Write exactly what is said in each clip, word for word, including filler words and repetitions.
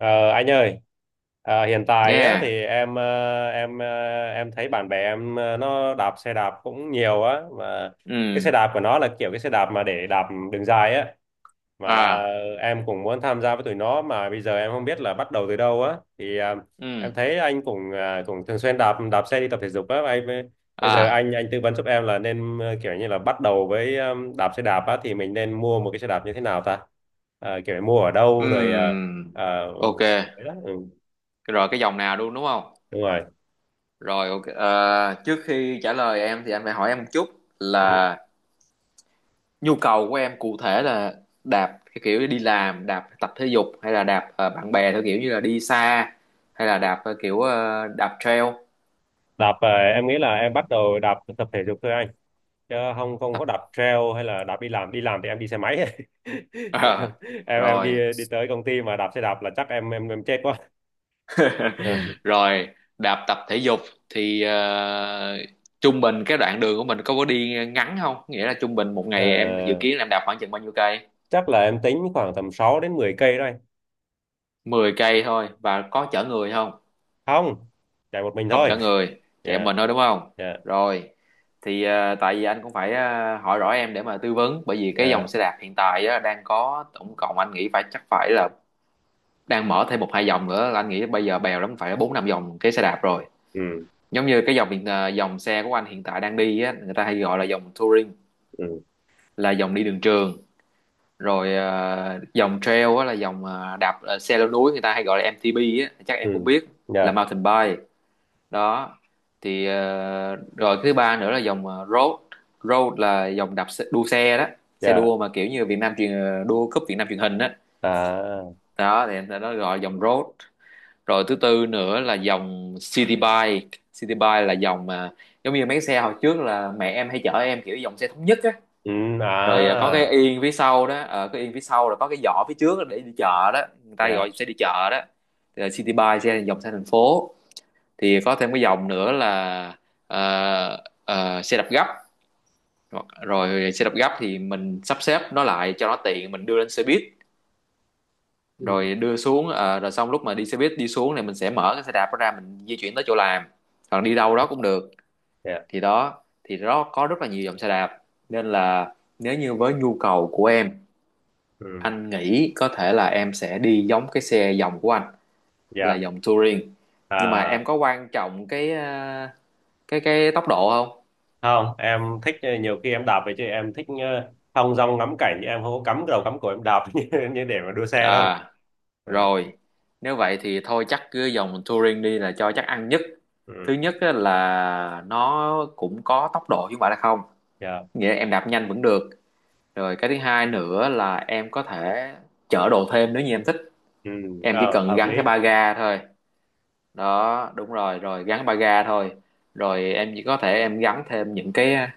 Ờ, anh ơi, ờ, hiện tại á, Nghe. thì em ờ, em ờ, em thấy bạn bè em ờ, nó đạp xe đạp cũng nhiều á, mà cái xe Ừ. đạp của nó là kiểu cái xe đạp mà để đạp đường dài á, mà À. em cũng muốn tham gia với tụi nó, mà bây giờ em không biết là bắt đầu từ đâu á, thì à, em Ừ. thấy anh cũng à, cũng thường xuyên đạp đạp xe đi tập thể dục á, anh mới- bây giờ À. anh anh tư vấn giúp em là nên ờ, kiểu như là bắt đầu với um, đạp xe đạp á thì mình nên mua một cái xe đạp như thế nào ta. Ờ, kiểu mua ở Ừ. đâu, rồi ờ, ờ, ừ, Ok. đấy đó, ừ, Rồi, cái dòng nào luôn đúng không? đúng rồi. Rồi, ok. Ờ, Trước khi trả lời em thì anh phải hỏi em một chút, Ừ. là nhu cầu của em cụ thể là đạp theo kiểu đi làm, đạp tập thể dục, hay là đạp ờ, bạn bè theo kiểu như là đi xa, hay là đạp ờ, kiểu ờ, đạp trail. Đạp ờ, em nghĩ là em bắt đầu đạp tập thể dục thôi anh, chứ không không có Tập. đạp trail hay là đạp đi làm. Đi làm thì em đi xe máy. Ờ, em em rồi. đi đi tới công ty mà đạp xe đạp là chắc em em em chết quá. Rồi, đạp tập thể dục thì ờ, trung bình cái đoạn đường của mình có có đi ngắn không, nghĩa là trung bình một Ờ, ngày em dự kiến là em đạp khoảng chừng bao nhiêu cây? chắc là em tính khoảng tầm sáu đến mười cây thôi. Mười cây thôi, và có chở người không? Không, chạy một mình Không thôi. chở người, chạy Dạ. mình thôi đúng không? Dạ. Rồi, thì ờ, tại vì anh cũng phải ờ, hỏi rõ em để mà tư vấn, bởi vì cái Dạ. dòng xe đạp hiện tại á, đang có tổng cộng anh nghĩ phải chắc phải là đang mở thêm một hai dòng nữa, là anh nghĩ bây giờ bèo lắm phải bốn năm dòng cái xe đạp rồi. Ừ. Giống như cái dòng hiện à, dòng xe của anh hiện tại đang đi á, người ta hay gọi là dòng touring, Ừ. là dòng đi đường trường. Rồi à, dòng trail á là dòng à, đạp à, xe leo núi, người ta hay gọi là em tê bê á, chắc em cũng Ừ. biết, là Dạ. mountain bike đó. Thì à, rồi cái thứ ba nữa là dòng à, road. Road là dòng đạp xe, đua xe đó, xe Dạ. đua mà kiểu như Việt Nam truyền ờ, đua cúp Việt Nam truyền hình á. À. Đó thì người ta nó gọi là dòng road. Rồi thứ tư nữa là dòng City Bike. City Bike là dòng mà giống như mấy cái xe hồi trước là mẹ em hay chở em, kiểu dòng xe thống nhất á. Ừ. À. Rồi à, có cái yên phía sau đó, ờ, cái yên phía sau là có cái giỏ phía trước để đi chợ đó, người ta Dạ. gọi xe đi chợ đó. Thì là City Bike, xe dòng xe thành phố. Thì có thêm cái dòng nữa là ờ, ờ, xe đạp gấp. Hoặc- rồi xe đạp gấp thì mình sắp xếp nó lại cho nó tiện, mình đưa lên xe buýt, Ừ. rồi đưa xuống, ờ, rồi xong lúc mà đi xe buýt đi xuống này mình sẽ mở cái xe đạp đó ra, mình di chuyển tới chỗ làm, hoặc đi đâu đó cũng được. Dạ. Thì đó, thì đó có rất là nhiều dòng xe đạp, nên là nếu như với nhu cầu của em, Ừ. anh nghĩ có thể là em sẽ đi giống cái xe dòng của anh, là Dạ. dòng touring. Nhưng mà em À. có quan trọng cái ờ, cái cái tốc độ không? Không, em thích, ờ, nhiều khi em đạp về chứ em thích ờ, thong dong ngắm cảnh, em không có cắm đầu cắm cổ em đạp như, như để mà đua xe đâu. À, Ừ. rồi, nếu vậy thì thôi chắc cứ dòng touring đi là cho chắc ăn nhất. Thứ Ừ. nhất á là nó cũng có tốc độ chứ không phải là không, Dạ. nghĩa là em đạp nhanh vẫn được. Rồi cái thứ hai nữa là em có thể chở đồ thêm nếu như em thích, Ừ. em chỉ Ờ, cần hợp gắn lý. cái ba ga thôi. Đó, đúng rồi, rồi gắn ba ga thôi. Rồi em chỉ có thể em gắn thêm những cái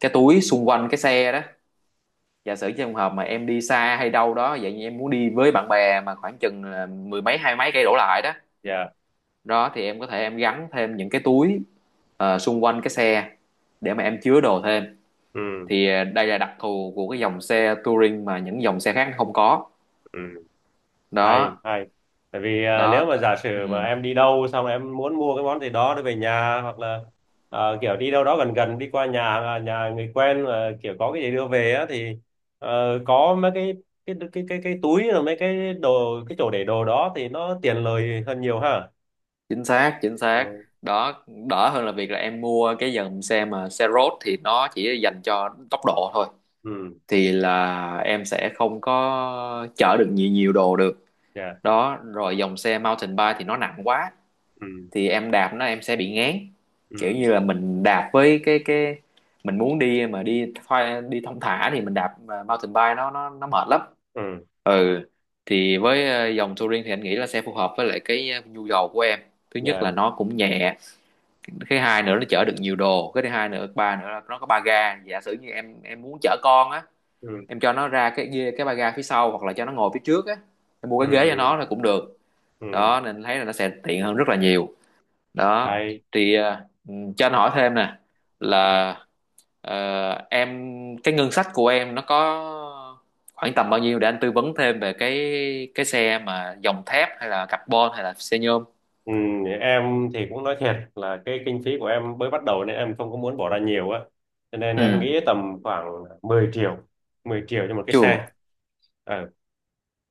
cái túi xung quanh cái xe đó. Giả sử trong trường hợp mà em đi xa hay đâu đó vậy, như em muốn đi với bạn bè mà khoảng chừng là mười mấy hai mấy cây đổ lại đó, Dạ. đó thì em có thể em gắn thêm những cái túi ờ, xung quanh cái xe để mà em chứa đồ thêm. Ừ. Thì ờ, đây là đặc thù của cái dòng xe touring mà những dòng xe khác không có Ừ. Hay đó. hay. Tại vì ờ, nếu Đó, mà giả ừ, sử mà em đi đâu xong em muốn mua cái món gì đó để về nhà, hoặc là ờ, kiểu đi đâu đó gần gần, đi qua nhà à, nhà người quen mà kiểu có cái gì đưa về á, thì ờ, có mấy cái, cái cái cái cái túi rồi mấy cái đồ, cái chỗ để đồ đó thì nó tiện lợi hơn nhiều ha. chính xác, chính xác Ừ. đó. Đỡ hơn là việc là em mua cái dòng xe mà xe road thì nó chỉ dành cho tốc độ thôi, Ừ. thì là em sẽ không có chở được nhiều nhiều đồ được. Dạ. Đó, rồi dòng xe mountain bike thì nó nặng quá, Ừ. thì em đạp nó em sẽ bị ngán, Ừ. kiểu như là mình đạp với cái cái mình muốn đi mà đi thoai- đi thong thả thì mình đạp à, mountain bike nó nó nó mệt lắm. Ừ. Ừ, thì với ờ, dòng touring thì anh nghĩ là sẽ phù hợp với lại cái ờ, nhu cầu của em. Thứ nhất là Dạ. nó cũng nhẹ, cái hai nữa nó chở được nhiều đồ, cái thứ hai nữa, ba nữa là nó có ba ga. Giả sử như em em muốn chở con á, Ừ. em cho nó ra cái ghê cái ba ga phía sau, hoặc là cho nó ngồi phía trước á, em mua Ừ. cái ghế cho Ừ. nó là cũng được. Ừ. Đó, nên thấy là nó sẽ tiện hơn rất là nhiều đó. Hay. Thì ờ, ừ, cho anh hỏi thêm nè, là Ờ, em cái ngân sách của em nó có khoảng tầm bao nhiêu để anh tư vấn thêm về cái cái xe, mà dòng thép hay là carbon hay là xe nhôm. Ừ, em thì cũng nói thiệt là cái kinh phí của em mới bắt đầu nên em không có muốn bỏ ra nhiều á, cho nên Ừ, em nghĩ tầm khoảng mười triệu. Mười triệu cho một cái chùa. xe. Ờ.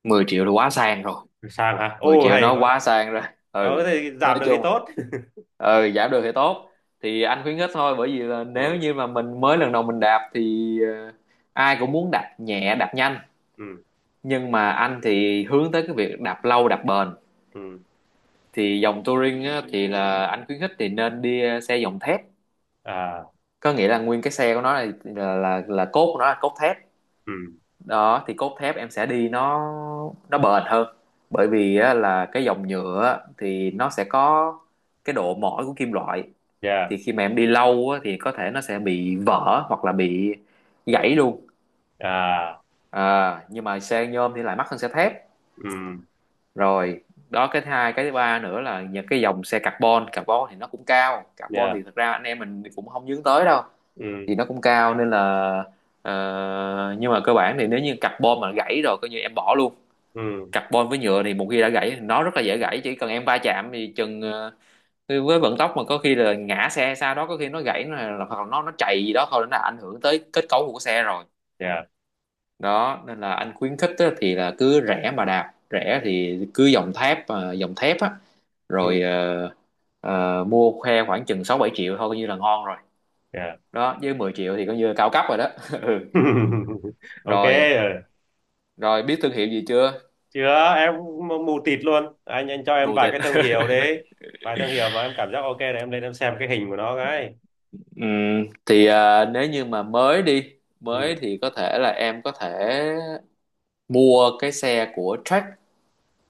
mười triệu là quá sang rồi. Sang hả, mười ô triệu hay nó quá. quá sang rồi. Ờ Ừ, thì nói giảm được thì chung, tốt. ừ, giảm được thì tốt. Thì anh khuyến khích thôi, bởi vì là nếu Ừ. như mà mình mới lần đầu mình đạp thì ờ, ai cũng muốn đạp nhẹ đạp nhanh, Ừ. nhưng mà anh thì hướng tới cái việc đạp lâu đạp bền. Ừ. Thì dòng touring á, thì là anh khuyến khích thì nên đi ờ, xe dòng thép, À. có nghĩa là nguyên cái xe của nó là là là, là cốt của nó là cốt thép Ừ. đó. Thì cốt thép em sẽ đi nó nó bền hơn, bởi vì á, là cái dòng nhựa á, thì nó sẽ có cái độ mỏi của kim loại. Dạ. Thì khi mà em đi lâu á, thì có thể nó sẽ bị vỡ hoặc là bị gãy luôn. À. À, nhưng mà xe nhôm thì lại mắc hơn xe thép Ừ. rồi. Đó, cái thứ hai, cái thứ ba nữa là những cái dòng xe carbon. Carbon thì nó cũng cao, carbon Dạ. thì thật ra anh em mình cũng không hướng tới đâu, Ừ. thì nó cũng cao nên là ờ, nhưng mà cơ bản thì nếu như carbon mà gãy rồi coi như em bỏ luôn. Ừ. Carbon với nhựa thì một khi đã gãy thì nó rất là dễ gãy, chỉ cần em va chạm thì chừng ờ, với vận tốc mà có khi là ngã xe, sau đó có khi nó gãy, là hoặc là nó nó chạy gì đó thôi nó đã ảnh hưởng tới kết cấu của xe rồi. Dạ. Đó nên là anh khuyến khích á, thì là cứ rẻ mà đạp, rẻ thì cứ dòng thép, à, dòng thép á. Ừ. Rồi ờ, ờ, mua khoe khoảng chừng sáu bảy triệu thôi coi như là ngon rồi Dạ. đó, với mười triệu thì coi như là cao cấp rồi đó. Ừ. Ok. Rồi, Rồi. rồi, biết thương hiệu gì chưa? Chưa, em cũng mù tịt luôn. Anh anh cho em Mù vài tịt. cái thương hiệu đấy. Vài thương hiệu mà em cảm giác ok là em lên em xem cái hình của nó cái. Ừm, thì à, nếu như mà mới đi mới Ừ. thì có thể là em có thể mua cái xe của Track,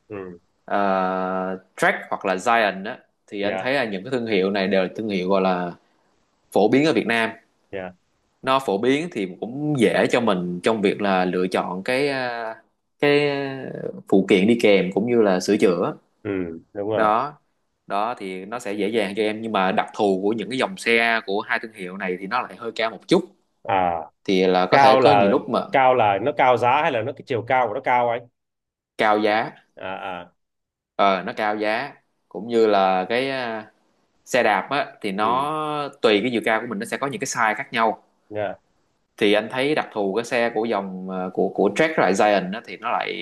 Ừ. à, Track hoặc là Giant á. Thì anh Dạ. thấy là những cái thương hiệu này đều là thương hiệu gọi là phổ biến ở Việt Nam. Dạ. Nó phổ biến thì cũng dễ cho mình trong việc là lựa chọn cái à, cái à, phụ kiện đi kèm cũng như là sửa chữa Ừ, đúng rồi. đó. Đó thì nó sẽ dễ dàng cho em, nhưng mà đặc thù của những cái dòng xe của hai thương hiệu này thì nó lại hơi cao một chút. À, Thì là có thể cao có nhiều là, lúc mà cao là nó cao giá hay là nó cái chiều cao của nó cao anh? cao giá. À à. Ờ, nó cao giá, cũng như là cái à, xe đạp á thì Ừ. nó tùy cái chiều cao của mình, nó sẽ có những cái size khác nhau. Dạ. Thì anh thấy đặc thù cái xe của dòng à, của của Track với lại Giant á, thì nó lại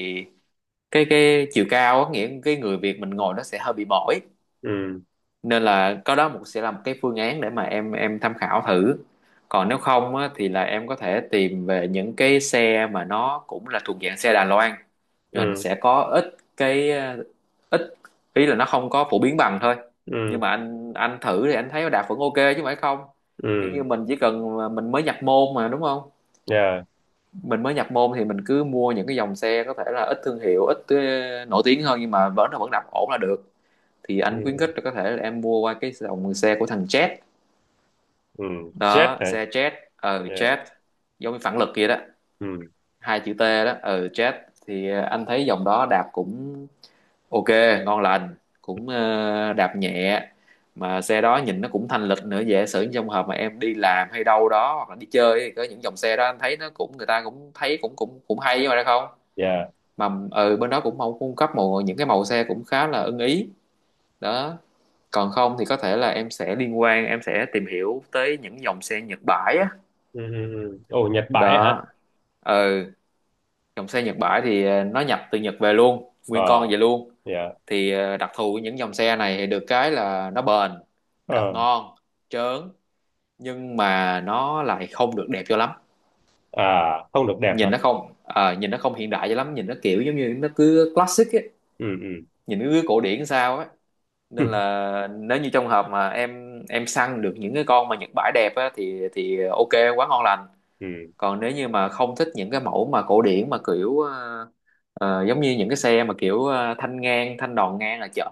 cái cái chiều cao á, nghĩa cái người Việt mình ngồi nó sẽ hơi bị mỏi. Ừ. Nên là có đó một sẽ là một cái phương án để mà em em tham khảo thử. Còn nếu không á, thì là em có thể tìm về những cái xe mà nó cũng là thuộc dạng xe Đài Loan, rồi nó Ừ. sẽ có ít cái ờ, ít ý là nó không có phổ biến bằng thôi, Ừ. nhưng mà anh anh thử thì anh thấy nó đạt vẫn ok chứ phải không? Kiểu Ừ. như mình chỉ cần mình mới nhập môn mà đúng không? Dạ. Mình mới nhập môn thì mình cứ mua những cái dòng xe có thể là ít thương hiệu, ít ờ, nổi tiếng hơn, nhưng mà vẫn là vẫn đạp ổn là được. Thì anh khuyến Ừ. khích là có thể là em mua qua cái dòng xe của thằng Jet. Ừ, jet Đó, hả? xe Jet. Ờ, Dạ. Jet, giống như phản lực kia đó, Ừ. hai chữ T đó, ờ Jet. Thì ờ, anh thấy dòng đó đạp cũng ok, ngon lành, cũng ờ, đạp nhẹ. Mà xe đó nhìn nó cũng thanh lịch nữa, dễ sử trong hợp mà em đi làm hay đâu đó hoặc là đi chơi, thì có những dòng xe đó anh thấy nó cũng người ta cũng thấy cũng cũng cũng hay mà ra không. Dạ. Mà ừ, bên đó cũng mong cung cấp một những cái màu xe cũng khá là ưng ý. Đó, còn không thì có thể là em sẽ liên quan, em sẽ tìm hiểu tới những dòng xe Nhật bãi á. Ừ. Ừ. Ừ. Ồ, Nhật bãi Đó, hả? ừ, dòng xe Nhật bãi thì ờ, nó nhập từ Nhật về luôn, nguyên con Ờ. về luôn. Dạ. Thì ờ, đặc thù của những dòng xe này thì được cái là nó bền, đạp Ờ. ngon trớn, nhưng mà nó lại không được đẹp cho lắm. À, không được đẹp hả? Nhìn nó không ờ, nhìn nó không hiện đại cho lắm, nhìn nó kiểu giống như nó cứ classic ấy, Ừ. Ừ. nhìn nó cứ cổ điển sao á. Nên là nếu như trong hợp mà em em săn được những cái con mà Nhật bãi đẹp á, thì thì ok, quá ngon lành. Ừ. Còn nếu như mà không thích những cái mẫu mà cổ điển, mà kiểu ờ, ờ, giống như những cái xe mà kiểu ờ, thanh ngang, thanh đòn ngang là chở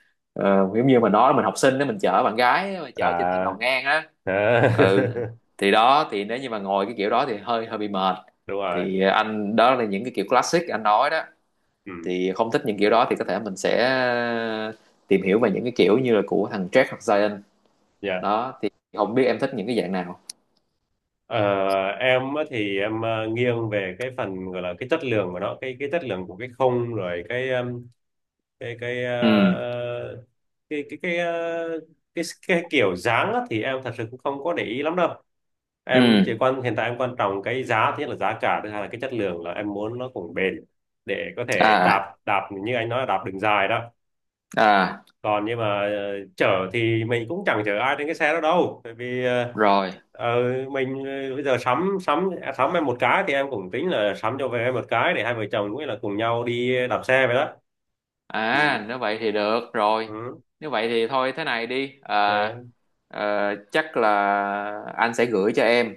ờ, giống như mình nói mình học sinh đó, mình chở bạn gái mà chở trên thanh À đòn ngang á, thế. ừ, thì đó, thì nếu như mà ngồi cái kiểu đó thì hơi hơi bị mệt. Đúng rồi. Thì anh đó là những cái kiểu classic anh nói đó, Ừ. thì không thích những kiểu đó thì có thể mình sẽ tìm hiểu về những cái kiểu như là của thằng Jack hoặc Zion. Dạ. Đó thì không biết em thích những cái dạng nào. Ờ, em á thì em ờ, nghiêng về cái phần gọi là cái chất lượng của nó, cái cái chất lượng của cái không, rồi cái um, cái cái Ừ, ờ, cái cái cái, ờ, cái cái kiểu dáng á, thì em thật sự cũng không có để ý lắm đâu. Em ừ, chỉ quan, hiện tại em quan trọng cái giá, thứ nhất là giá cả, thứ hai là cái chất lượng, là em muốn nó cũng bền để có thể à, đạp đạp như anh nói là đạp đường dài đó. à, Còn nhưng mà ờ, chở thì mình cũng chẳng chở ai trên cái xe đó đâu, tại vì ờ, rồi, ờ, mình ờ, bây giờ sắm sắm à, sắm em một cái thì em cũng tính là sắm cho về em một cái để hai vợ chồng cũng là cùng nhau đi đạp xe vậy đó. Ừ. à, nếu vậy thì được rồi. Ừ. Nếu vậy thì thôi thế này đi, à, Yeah. ờ, chắc là anh sẽ gửi cho em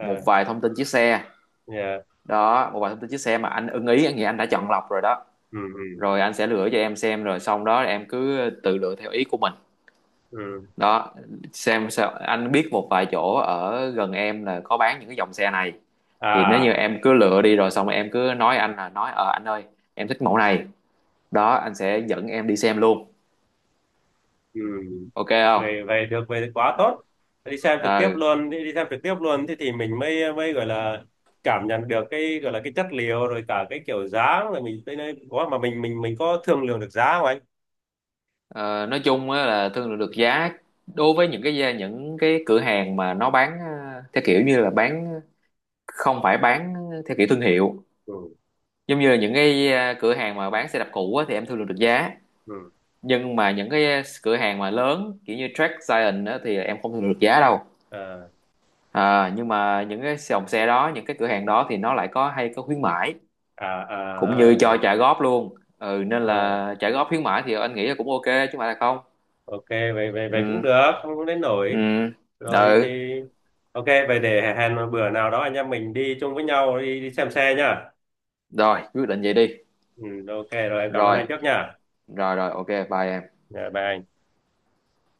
một vài thông tin chiếc xe. Yeah. Đó, một vài thông tin chiếc xe mà anh ưng ý, anh nghĩ anh đã chọn lọc rồi đó. Ừ. Ừ. Rồi anh sẽ gửi cho em xem, rồi xong đó em cứ tự lựa theo ý của mình. Ừ. Đó, xem sao, anh biết một vài chỗ ở gần em là có bán những cái dòng xe này. Thì nếu như À. em cứ lựa đi, rồi xong rồi em cứ nói anh là nói ờ anh ơi em thích mẫu này, đó anh sẽ dẫn em đi xem luôn. Ừ. Ok không? Vậy, vậy được, vậy thì quá tốt. Đi xem trực tiếp Ờ, luôn, đi, đi xem trực tiếp luôn thì thì mình mới mới gọi là cảm nhận được cái gọi là cái chất liệu rồi cả cái kiểu dáng. Rồi mình tới nơi có mà mình mình mình có thương lượng được giá không anh? ờ, nói chung á là thương lượng được giá. Đối với những cái những cái cửa hàng mà nó bán ờ, theo kiểu như là bán, không phải bán, theo kiểu thương hiệu, Ừ. giống như là những cái ờ, cửa hàng mà bán xe đạp cũ á, thì em thương lượng được giá. Ừ. Nhưng mà những cái ờ, cửa hàng mà lớn kiểu như Track Giant á, thì em không được giá đâu. À, À, nhưng mà những cái dòng xe đó, những cái cửa hàng đó thì nó lại có hay có khuyến mãi, à, cũng à, như à. cho trả góp luôn. Ừ, nên Ờ, là trả góp khuyến mãi thì anh nghĩ là cũng ok, chứ mà là không. ok vậy vậy vậy cũng Ừ, được, không không đến ừ, nổi. Rồi ừ, thì ok, vậy để hẹn một bữa nào đó anh em mình đi chung với nhau đi, đi xem xe nha. rồi, quyết định vậy đi. Ừ, ok rồi, em cảm ơn Rồi, anh trước nha. rồi, rồi, ok, bye em. Dạ, bye anh.